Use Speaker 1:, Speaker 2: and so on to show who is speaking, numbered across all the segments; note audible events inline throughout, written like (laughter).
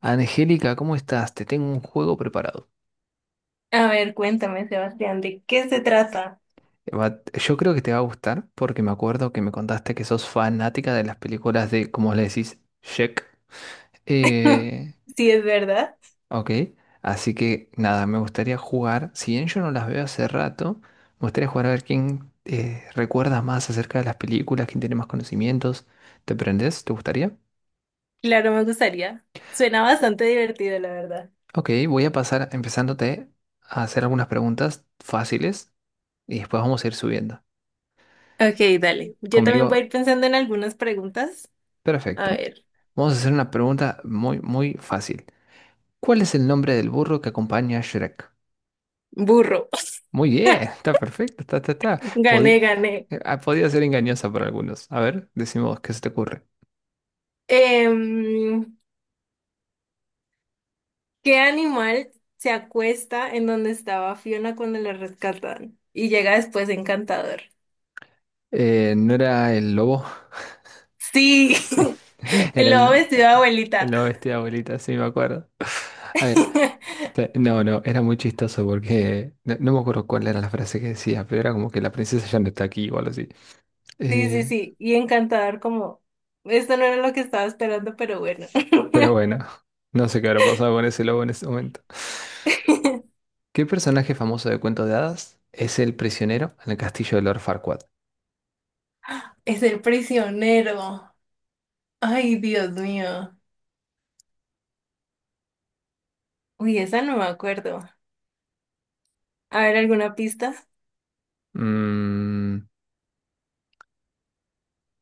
Speaker 1: Angélica, ¿cómo estás? Te tengo un juego preparado.
Speaker 2: A ver, cuéntame, Sebastián, ¿de qué se trata?
Speaker 1: Yo creo que te va a gustar porque me acuerdo que me contaste que sos fanática de las películas de, como le decís, Shrek.
Speaker 2: (laughs)
Speaker 1: Eh,
Speaker 2: Si es verdad.
Speaker 1: ok, así que nada, me gustaría jugar. Si bien yo no las veo hace rato, me gustaría jugar a ver quién recuerda más acerca de las películas, quién tiene más conocimientos. ¿Te prendés? ¿Te gustaría?
Speaker 2: Claro, me gustaría. Suena bastante divertido, la verdad.
Speaker 1: Ok, voy a pasar empezándote a hacer algunas preguntas fáciles y después vamos a ir subiendo.
Speaker 2: Ok, dale. Yo también voy a
Speaker 1: Conmigo.
Speaker 2: ir pensando en algunas preguntas. A
Speaker 1: Perfecto.
Speaker 2: ver,
Speaker 1: Vamos a hacer una pregunta muy, muy fácil. ¿Cuál es el nombre del burro que acompaña a Shrek?
Speaker 2: burro.
Speaker 1: Muy bien, (laughs)
Speaker 2: (laughs)
Speaker 1: está perfecto, está, está, está.
Speaker 2: Gané, gané.
Speaker 1: Podía ser engañosa para algunos. A ver, decimos, ¿qué se te ocurre?
Speaker 2: Em, ¿Qué animal se acuesta en donde estaba Fiona cuando la rescatan? Y llega después Encantador.
Speaker 1: ¿No era el lobo? (laughs)
Speaker 2: Sí,
Speaker 1: Sí,
Speaker 2: (laughs) el
Speaker 1: era
Speaker 2: lobo vestido de
Speaker 1: el
Speaker 2: abuelita.
Speaker 1: lobo vestido de abuelita, sí, me acuerdo. A ver,
Speaker 2: (laughs)
Speaker 1: no, no, era muy chistoso porque no, no me acuerdo cuál era la frase que decía, pero era como que la princesa ya no está aquí o algo así.
Speaker 2: Sí, sí,
Speaker 1: Eh,
Speaker 2: sí, y encantador como, esto no era lo que estaba esperando, pero bueno.
Speaker 1: Pero
Speaker 2: (laughs)
Speaker 1: bueno, no sé qué habrá pasado con ese lobo en ese momento. ¿Qué personaje famoso de cuentos de hadas es el prisionero en el castillo de Lord Farquaad?
Speaker 2: Es el prisionero. Ay, Dios mío. Uy, esa no me acuerdo. A ver, ¿alguna pista?
Speaker 1: Mm,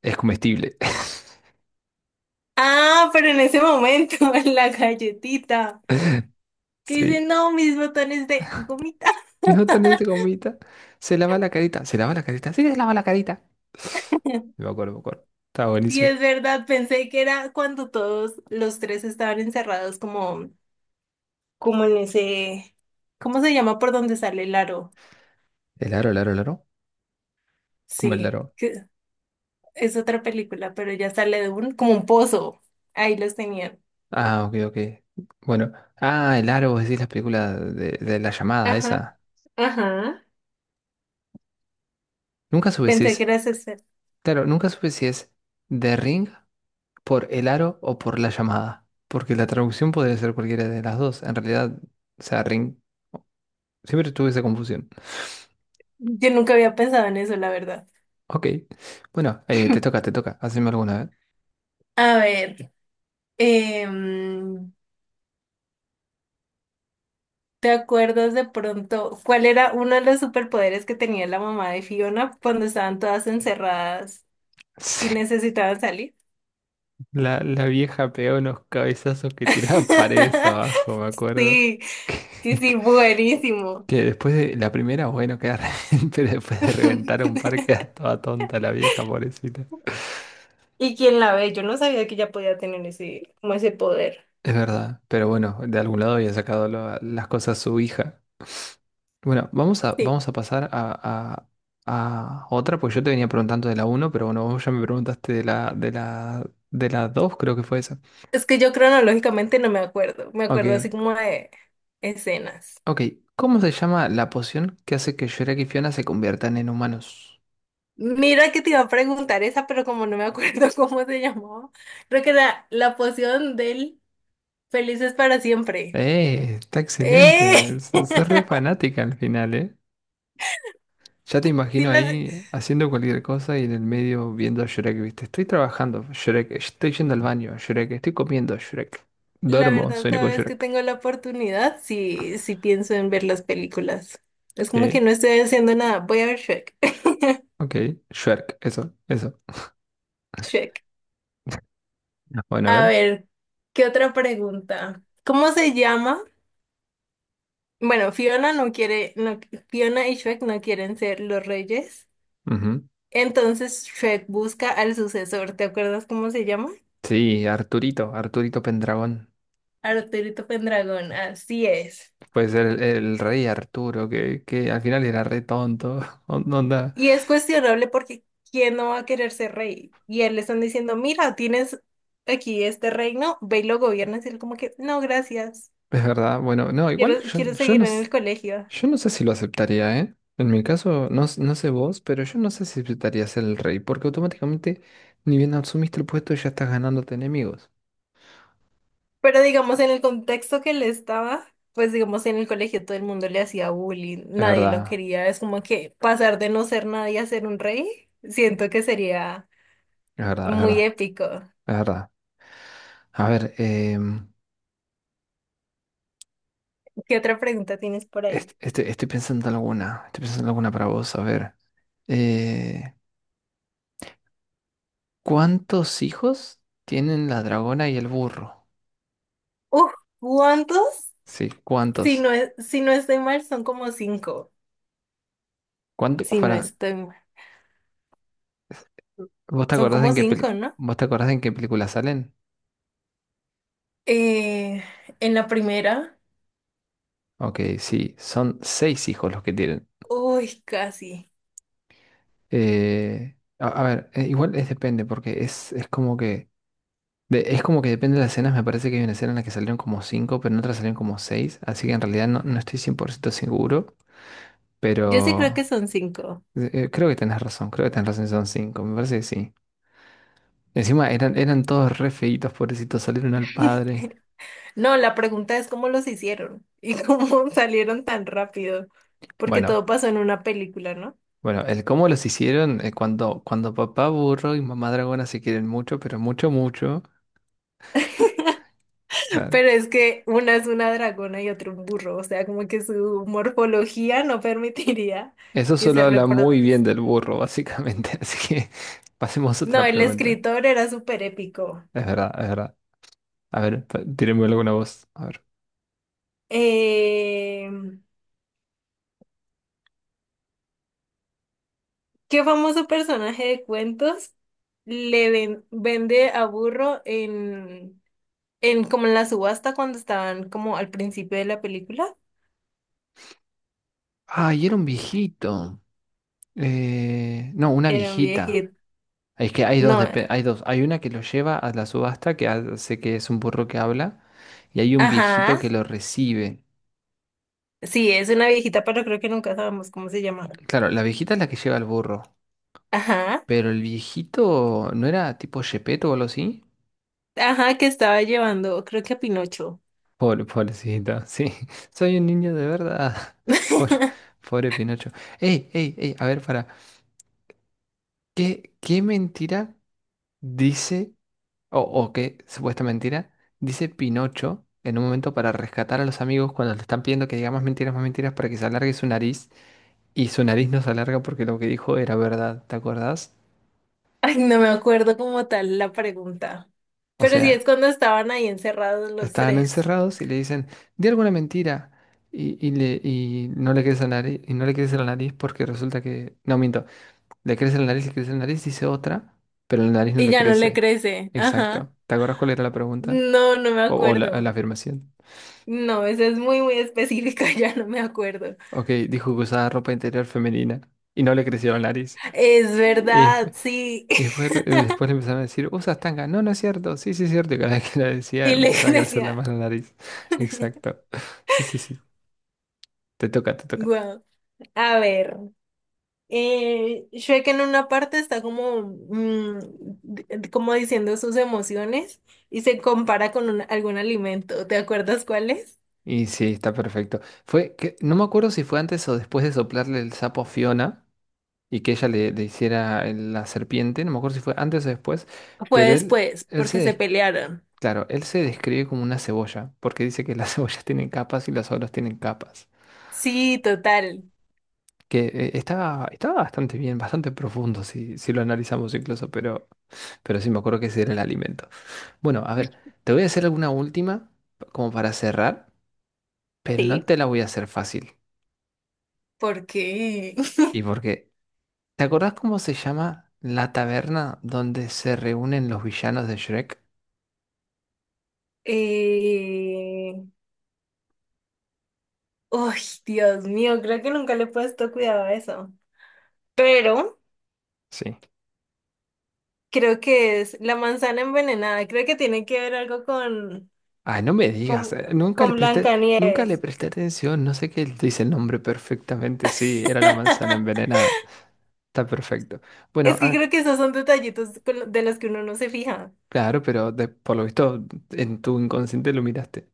Speaker 1: es comestible. (laughs)
Speaker 2: Ah, pero en ese momento, (laughs) en la galletita. Que dice,
Speaker 1: Sí.
Speaker 2: no, mis botones de gomita. (laughs)
Speaker 1: Y no tan de gomita. Se lava la carita. Se lava la carita. Sí, se lava la carita. Me acuerdo, me acuerdo. Estaba
Speaker 2: Y
Speaker 1: buenísimo.
Speaker 2: es verdad, pensé que era cuando todos los tres estaban encerrados como, como en ese, ¿cómo se llama por donde sale el aro?
Speaker 1: ¿El aro, el aro, el aro? ¿Cómo el
Speaker 2: Sí,
Speaker 1: aro?
Speaker 2: que es otra película, pero ya sale de un, como un pozo. Ahí los tenían.
Speaker 1: Ah, ok, ok. Bueno. Ah, el aro, vos decís la película de la llamada
Speaker 2: Ajá,
Speaker 1: esa.
Speaker 2: ajá.
Speaker 1: Nunca supe si
Speaker 2: Pensé que
Speaker 1: es.
Speaker 2: era ese.
Speaker 1: Claro, nunca supe si es The Ring por el aro o por la llamada, porque la traducción podría ser cualquiera de las dos. En realidad, o sea, ring, siempre tuve esa confusión.
Speaker 2: Yo nunca había pensado en eso, la verdad.
Speaker 1: Ok, bueno,
Speaker 2: (clears throat)
Speaker 1: te toca, haceme alguna vez. (laughs)
Speaker 2: A ver, em, ¿te acuerdas de pronto cuál era uno de los superpoderes que tenía la mamá de Fiona cuando estaban todas encerradas y
Speaker 1: Sí,
Speaker 2: necesitaban salir?
Speaker 1: la vieja pegó unos cabezazos que tiraba paredes
Speaker 2: (laughs)
Speaker 1: abajo, me acuerdo.
Speaker 2: Sí,
Speaker 1: (laughs) Que,
Speaker 2: sí, sí,
Speaker 1: que
Speaker 2: buenísimo.
Speaker 1: que después de la primera, bueno, queda (laughs) pero después de reventar un
Speaker 2: (laughs)
Speaker 1: par, queda toda tonta la vieja, pobrecita.
Speaker 2: ¿Y quién la ve? Yo no sabía que ella podía tener ese, como ese poder.
Speaker 1: Es verdad, pero bueno, de algún lado había sacado las cosas su hija. Bueno,
Speaker 2: Sí,
Speaker 1: vamos a pasar a otra, pues yo te venía preguntando de la uno, pero bueno, vos ya me preguntaste de la 2, creo que fue esa.
Speaker 2: es que yo cronológicamente no me acuerdo, me acuerdo así
Speaker 1: Ok,
Speaker 2: como de escenas.
Speaker 1: ok. ¿Cómo se llama la poción que hace que Shrek y Fiona se conviertan en humanos?
Speaker 2: Mira que te iba a preguntar esa, pero como no me acuerdo (laughs) cómo se llamaba, creo que era la poción del Felices para siempre.
Speaker 1: Está excelente.
Speaker 2: ¡Eh! (laughs)
Speaker 1: Sos re fanática al final, ¿eh? Ya te
Speaker 2: Sí,
Speaker 1: imagino
Speaker 2: las-
Speaker 1: ahí haciendo cualquier cosa y en el medio viendo a Shrek, ¿viste? Estoy trabajando, Shrek, estoy yendo al baño, Shrek, estoy comiendo, Shrek.
Speaker 2: la
Speaker 1: Duermo,
Speaker 2: verdad,
Speaker 1: sueño
Speaker 2: cada
Speaker 1: con
Speaker 2: vez que
Speaker 1: Shrek.
Speaker 2: tengo la oportunidad, sí, sí pienso en ver las películas. Es como que
Speaker 1: Ok,
Speaker 2: no estoy haciendo nada, voy a ver Shrek.
Speaker 1: ok, Shrek, eso, eso.
Speaker 2: (laughs) Shrek.
Speaker 1: Ya. Bueno, a
Speaker 2: A
Speaker 1: ver.
Speaker 2: ver, ¿qué otra pregunta? ¿Cómo se llama? Bueno, Fiona no quiere, no- Fiona y Shrek no quieren ser los reyes.
Speaker 1: Ujú.
Speaker 2: Entonces Shrek busca al sucesor. ¿Te acuerdas cómo se llama?
Speaker 1: Sí, Arturito, Arturito Pendragón.
Speaker 2: Arturito Pendragón, así es.
Speaker 1: Puede ser el rey Arturo, que al final era re tonto. (laughs) Onda,
Speaker 2: Y es cuestionable porque ¿quién no va a querer ser rey? Y él le están diciendo, mira, tienes aquí este reino, ve y lo gobiernas. Y él como que, no, gracias.
Speaker 1: es verdad. Bueno, no, igual
Speaker 2: Quiero,
Speaker 1: yo,
Speaker 2: quiero
Speaker 1: yo
Speaker 2: seguir
Speaker 1: no.
Speaker 2: en el colegio.
Speaker 1: Yo no sé si lo aceptaría, ¿eh? En mi caso, no, no sé vos, pero yo no sé si aceptaría ser el rey, porque automáticamente, ni bien asumiste el puesto, ya estás ganándote enemigos.
Speaker 2: Pero digamos, en el contexto que él estaba, pues digamos, en el colegio todo el mundo le hacía bullying,
Speaker 1: Es
Speaker 2: nadie lo
Speaker 1: verdad,
Speaker 2: quería, es como que pasar de no ser nadie a ser un rey, siento que sería
Speaker 1: es verdad, es
Speaker 2: muy
Speaker 1: verdad,
Speaker 2: épico.
Speaker 1: es verdad. A ver,
Speaker 2: ¿Qué otra pregunta tienes por ahí?
Speaker 1: estoy pensando en alguna, estoy pensando en alguna para vos, a ver. Eh, ¿Cuántos hijos tienen la dragona y el burro?
Speaker 2: Uf, ¿cuántos?
Speaker 1: Sí,
Speaker 2: Si
Speaker 1: ¿cuántos?
Speaker 2: no es, si no estoy mal, son como cinco.
Speaker 1: ¿Cuánto,
Speaker 2: Si no
Speaker 1: para,
Speaker 2: estoy mal,
Speaker 1: ¿Vos te
Speaker 2: son
Speaker 1: acordás
Speaker 2: como
Speaker 1: en qué
Speaker 2: cinco, ¿no?
Speaker 1: vos te acordás en qué película salen?
Speaker 2: Eh, en la primera,
Speaker 1: Ok, sí, son seis hijos los que tienen.
Speaker 2: uy, casi.
Speaker 1: Igual es depende, porque es como que. Es como que depende de las escenas. Me parece que hay una escena en la que salieron como 5, pero en otra salieron como 6. Así que en realidad no, no estoy 100% seguro.
Speaker 2: Yo sí creo que
Speaker 1: Pero
Speaker 2: son cinco.
Speaker 1: creo que tenés razón. Creo que tenés razón, son 5. Me parece que sí. Encima eran, eran todos re feitos, pobrecitos. Salieron al padre.
Speaker 2: (laughs) No, la pregunta es cómo los hicieron y cómo (laughs) salieron tan rápido, porque
Speaker 1: Bueno,
Speaker 2: todo pasó en una película, ¿no?
Speaker 1: bueno, el cómo los hicieron cuando papá burro y mamá dragona se quieren mucho, pero mucho, mucho.
Speaker 2: Pero es que una es una dragona y otro un burro, o sea, como que su morfología no permitiría
Speaker 1: Eso
Speaker 2: que
Speaker 1: solo
Speaker 2: se
Speaker 1: habla muy bien
Speaker 2: reproduzca.
Speaker 1: del burro, básicamente. (laughs) Así que pasemos a
Speaker 2: No,
Speaker 1: otra
Speaker 2: el
Speaker 1: pregunta.
Speaker 2: escritor era súper épico.
Speaker 1: Es verdad, es verdad. A ver, tírenme alguna voz. A ver.
Speaker 2: Eh, ¿Qué famoso personaje de cuentos le ven- vende a burro en como en la subasta cuando estaban como al principio de la película?
Speaker 1: Ah, y era un viejito. No, una
Speaker 2: Era un
Speaker 1: viejita.
Speaker 2: viejito.
Speaker 1: Es que hay dos,
Speaker 2: No.
Speaker 1: hay dos. Hay una que lo lleva a la subasta, que hace que es un burro que habla, y hay un viejito
Speaker 2: Ajá,
Speaker 1: que lo recibe.
Speaker 2: sí, es una viejita, pero creo que nunca sabemos cómo se llama.
Speaker 1: Claro, la viejita es la que lleva al burro,
Speaker 2: Ajá,
Speaker 1: pero el viejito no era tipo Shepeto o algo así.
Speaker 2: ajá, que estaba llevando, creo que a Pinocho.
Speaker 1: Pobre, pobrecita, sí, (laughs) soy un niño de verdad. (laughs) Pobre,
Speaker 2: (laughs)
Speaker 1: pobre Pinocho. Ey, ey, ey, a ver, para. ¿Qué mentira dice, o qué supuesta mentira, dice Pinocho en un momento para rescatar a los amigos cuando le están pidiendo que diga más mentiras para que se alargue su nariz? Y su nariz no se alarga porque lo que dijo era verdad, ¿te acordás?
Speaker 2: Ay, no me acuerdo como tal la pregunta.
Speaker 1: O
Speaker 2: Pero sí es
Speaker 1: sea,
Speaker 2: cuando estaban ahí encerrados los
Speaker 1: estaban
Speaker 2: tres.
Speaker 1: encerrados y le dicen, di alguna mentira. Y no le crece la nariz, y no le crece la nariz porque resulta que... No, miento. Le crece la nariz, le crece la nariz, dice otra, pero la nariz no
Speaker 2: Y
Speaker 1: le
Speaker 2: ya no le
Speaker 1: crece.
Speaker 2: crece. Ajá.
Speaker 1: Exacto. ¿Te acuerdas cuál era la pregunta?
Speaker 2: No, no me
Speaker 1: O, la
Speaker 2: acuerdo.
Speaker 1: afirmación.
Speaker 2: No, esa es muy, muy específica, (laughs) ya no me acuerdo.
Speaker 1: Ok, dijo que usaba ropa interior femenina y no le creció la nariz.
Speaker 2: Es
Speaker 1: Y
Speaker 2: verdad,
Speaker 1: después,
Speaker 2: sí.
Speaker 1: y después,
Speaker 2: (laughs)
Speaker 1: después le empezaron a decir, usas tanga. No, no es cierto. Sí, sí es cierto. Y cada vez que la decía
Speaker 2: Y le
Speaker 1: empezaba a crecerle
Speaker 2: crecía.
Speaker 1: más la nariz. (laughs) Exacto. Sí, sí, sí. Te toca, te toca.
Speaker 2: Wow. A ver. Shrek en una parte está como, d- como diciendo sus emociones y se compara con un- algún alimento. ¿Te acuerdas cuál es?
Speaker 1: Y sí, está perfecto. Fue que, no me acuerdo si fue antes o después de soplarle el sapo a Fiona. Y que ella le, le hiciera la serpiente, no me acuerdo si fue antes o después,
Speaker 2: Fue
Speaker 1: pero él,
Speaker 2: después, porque se pelearon.
Speaker 1: claro, él se describe como una cebolla, porque dice que las (laughs) cebollas tienen capas y las olas tienen capas.
Speaker 2: Sí, total.
Speaker 1: Que estaba bastante bien, bastante profundo si, si lo analizamos incluso, pero sí me acuerdo que ese era el alimento. Bueno, a ver, te voy a hacer alguna última como para cerrar, pero no
Speaker 2: Sí.
Speaker 1: te la voy a hacer fácil.
Speaker 2: Porque, (laughs)
Speaker 1: ¿Y porque ¿Te acordás cómo se llama la taberna donde se reúnen los villanos de Shrek?
Speaker 2: eh, uy, Dios mío, creo que nunca le he puesto cuidado a eso. Pero
Speaker 1: Sí.
Speaker 2: creo que es la manzana envenenada. Creo que tiene que ver algo
Speaker 1: Ay, no me digas,
Speaker 2: con,
Speaker 1: nunca le
Speaker 2: con
Speaker 1: presté, nunca le
Speaker 2: Blancanieves.
Speaker 1: presté atención, no sé qué dice el nombre perfectamente, sí, era la manzana
Speaker 2: (laughs)
Speaker 1: envenenada, está perfecto. Bueno,
Speaker 2: Es que
Speaker 1: Ángel,
Speaker 2: creo que esos son detallitos con lo- de los que uno no se fija.
Speaker 1: claro, pero por lo visto en tu inconsciente lo miraste.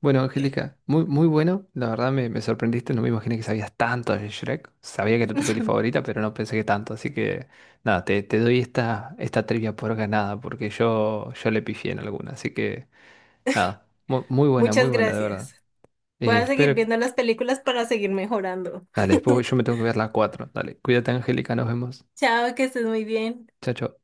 Speaker 1: Bueno, Angélica, muy, muy bueno, la verdad me, me sorprendiste, no me imaginé que sabías tanto de Shrek, sabía que era tu peli
Speaker 2: (laughs)
Speaker 1: favorita, pero no pensé que tanto, así que nada, te doy esta, esta trivia por ganada, porque yo le pifié en alguna, así que nada, muy
Speaker 2: Muchas
Speaker 1: buena, de verdad.
Speaker 2: gracias. Voy a seguir
Speaker 1: Espero
Speaker 2: viendo las películas para seguir mejorando.
Speaker 1: Dale, después yo me
Speaker 2: (laughs)
Speaker 1: tengo que ver las 4. Dale, cuídate, Angélica, nos vemos.
Speaker 2: Chao, que estés muy bien.
Speaker 1: Chao, chao.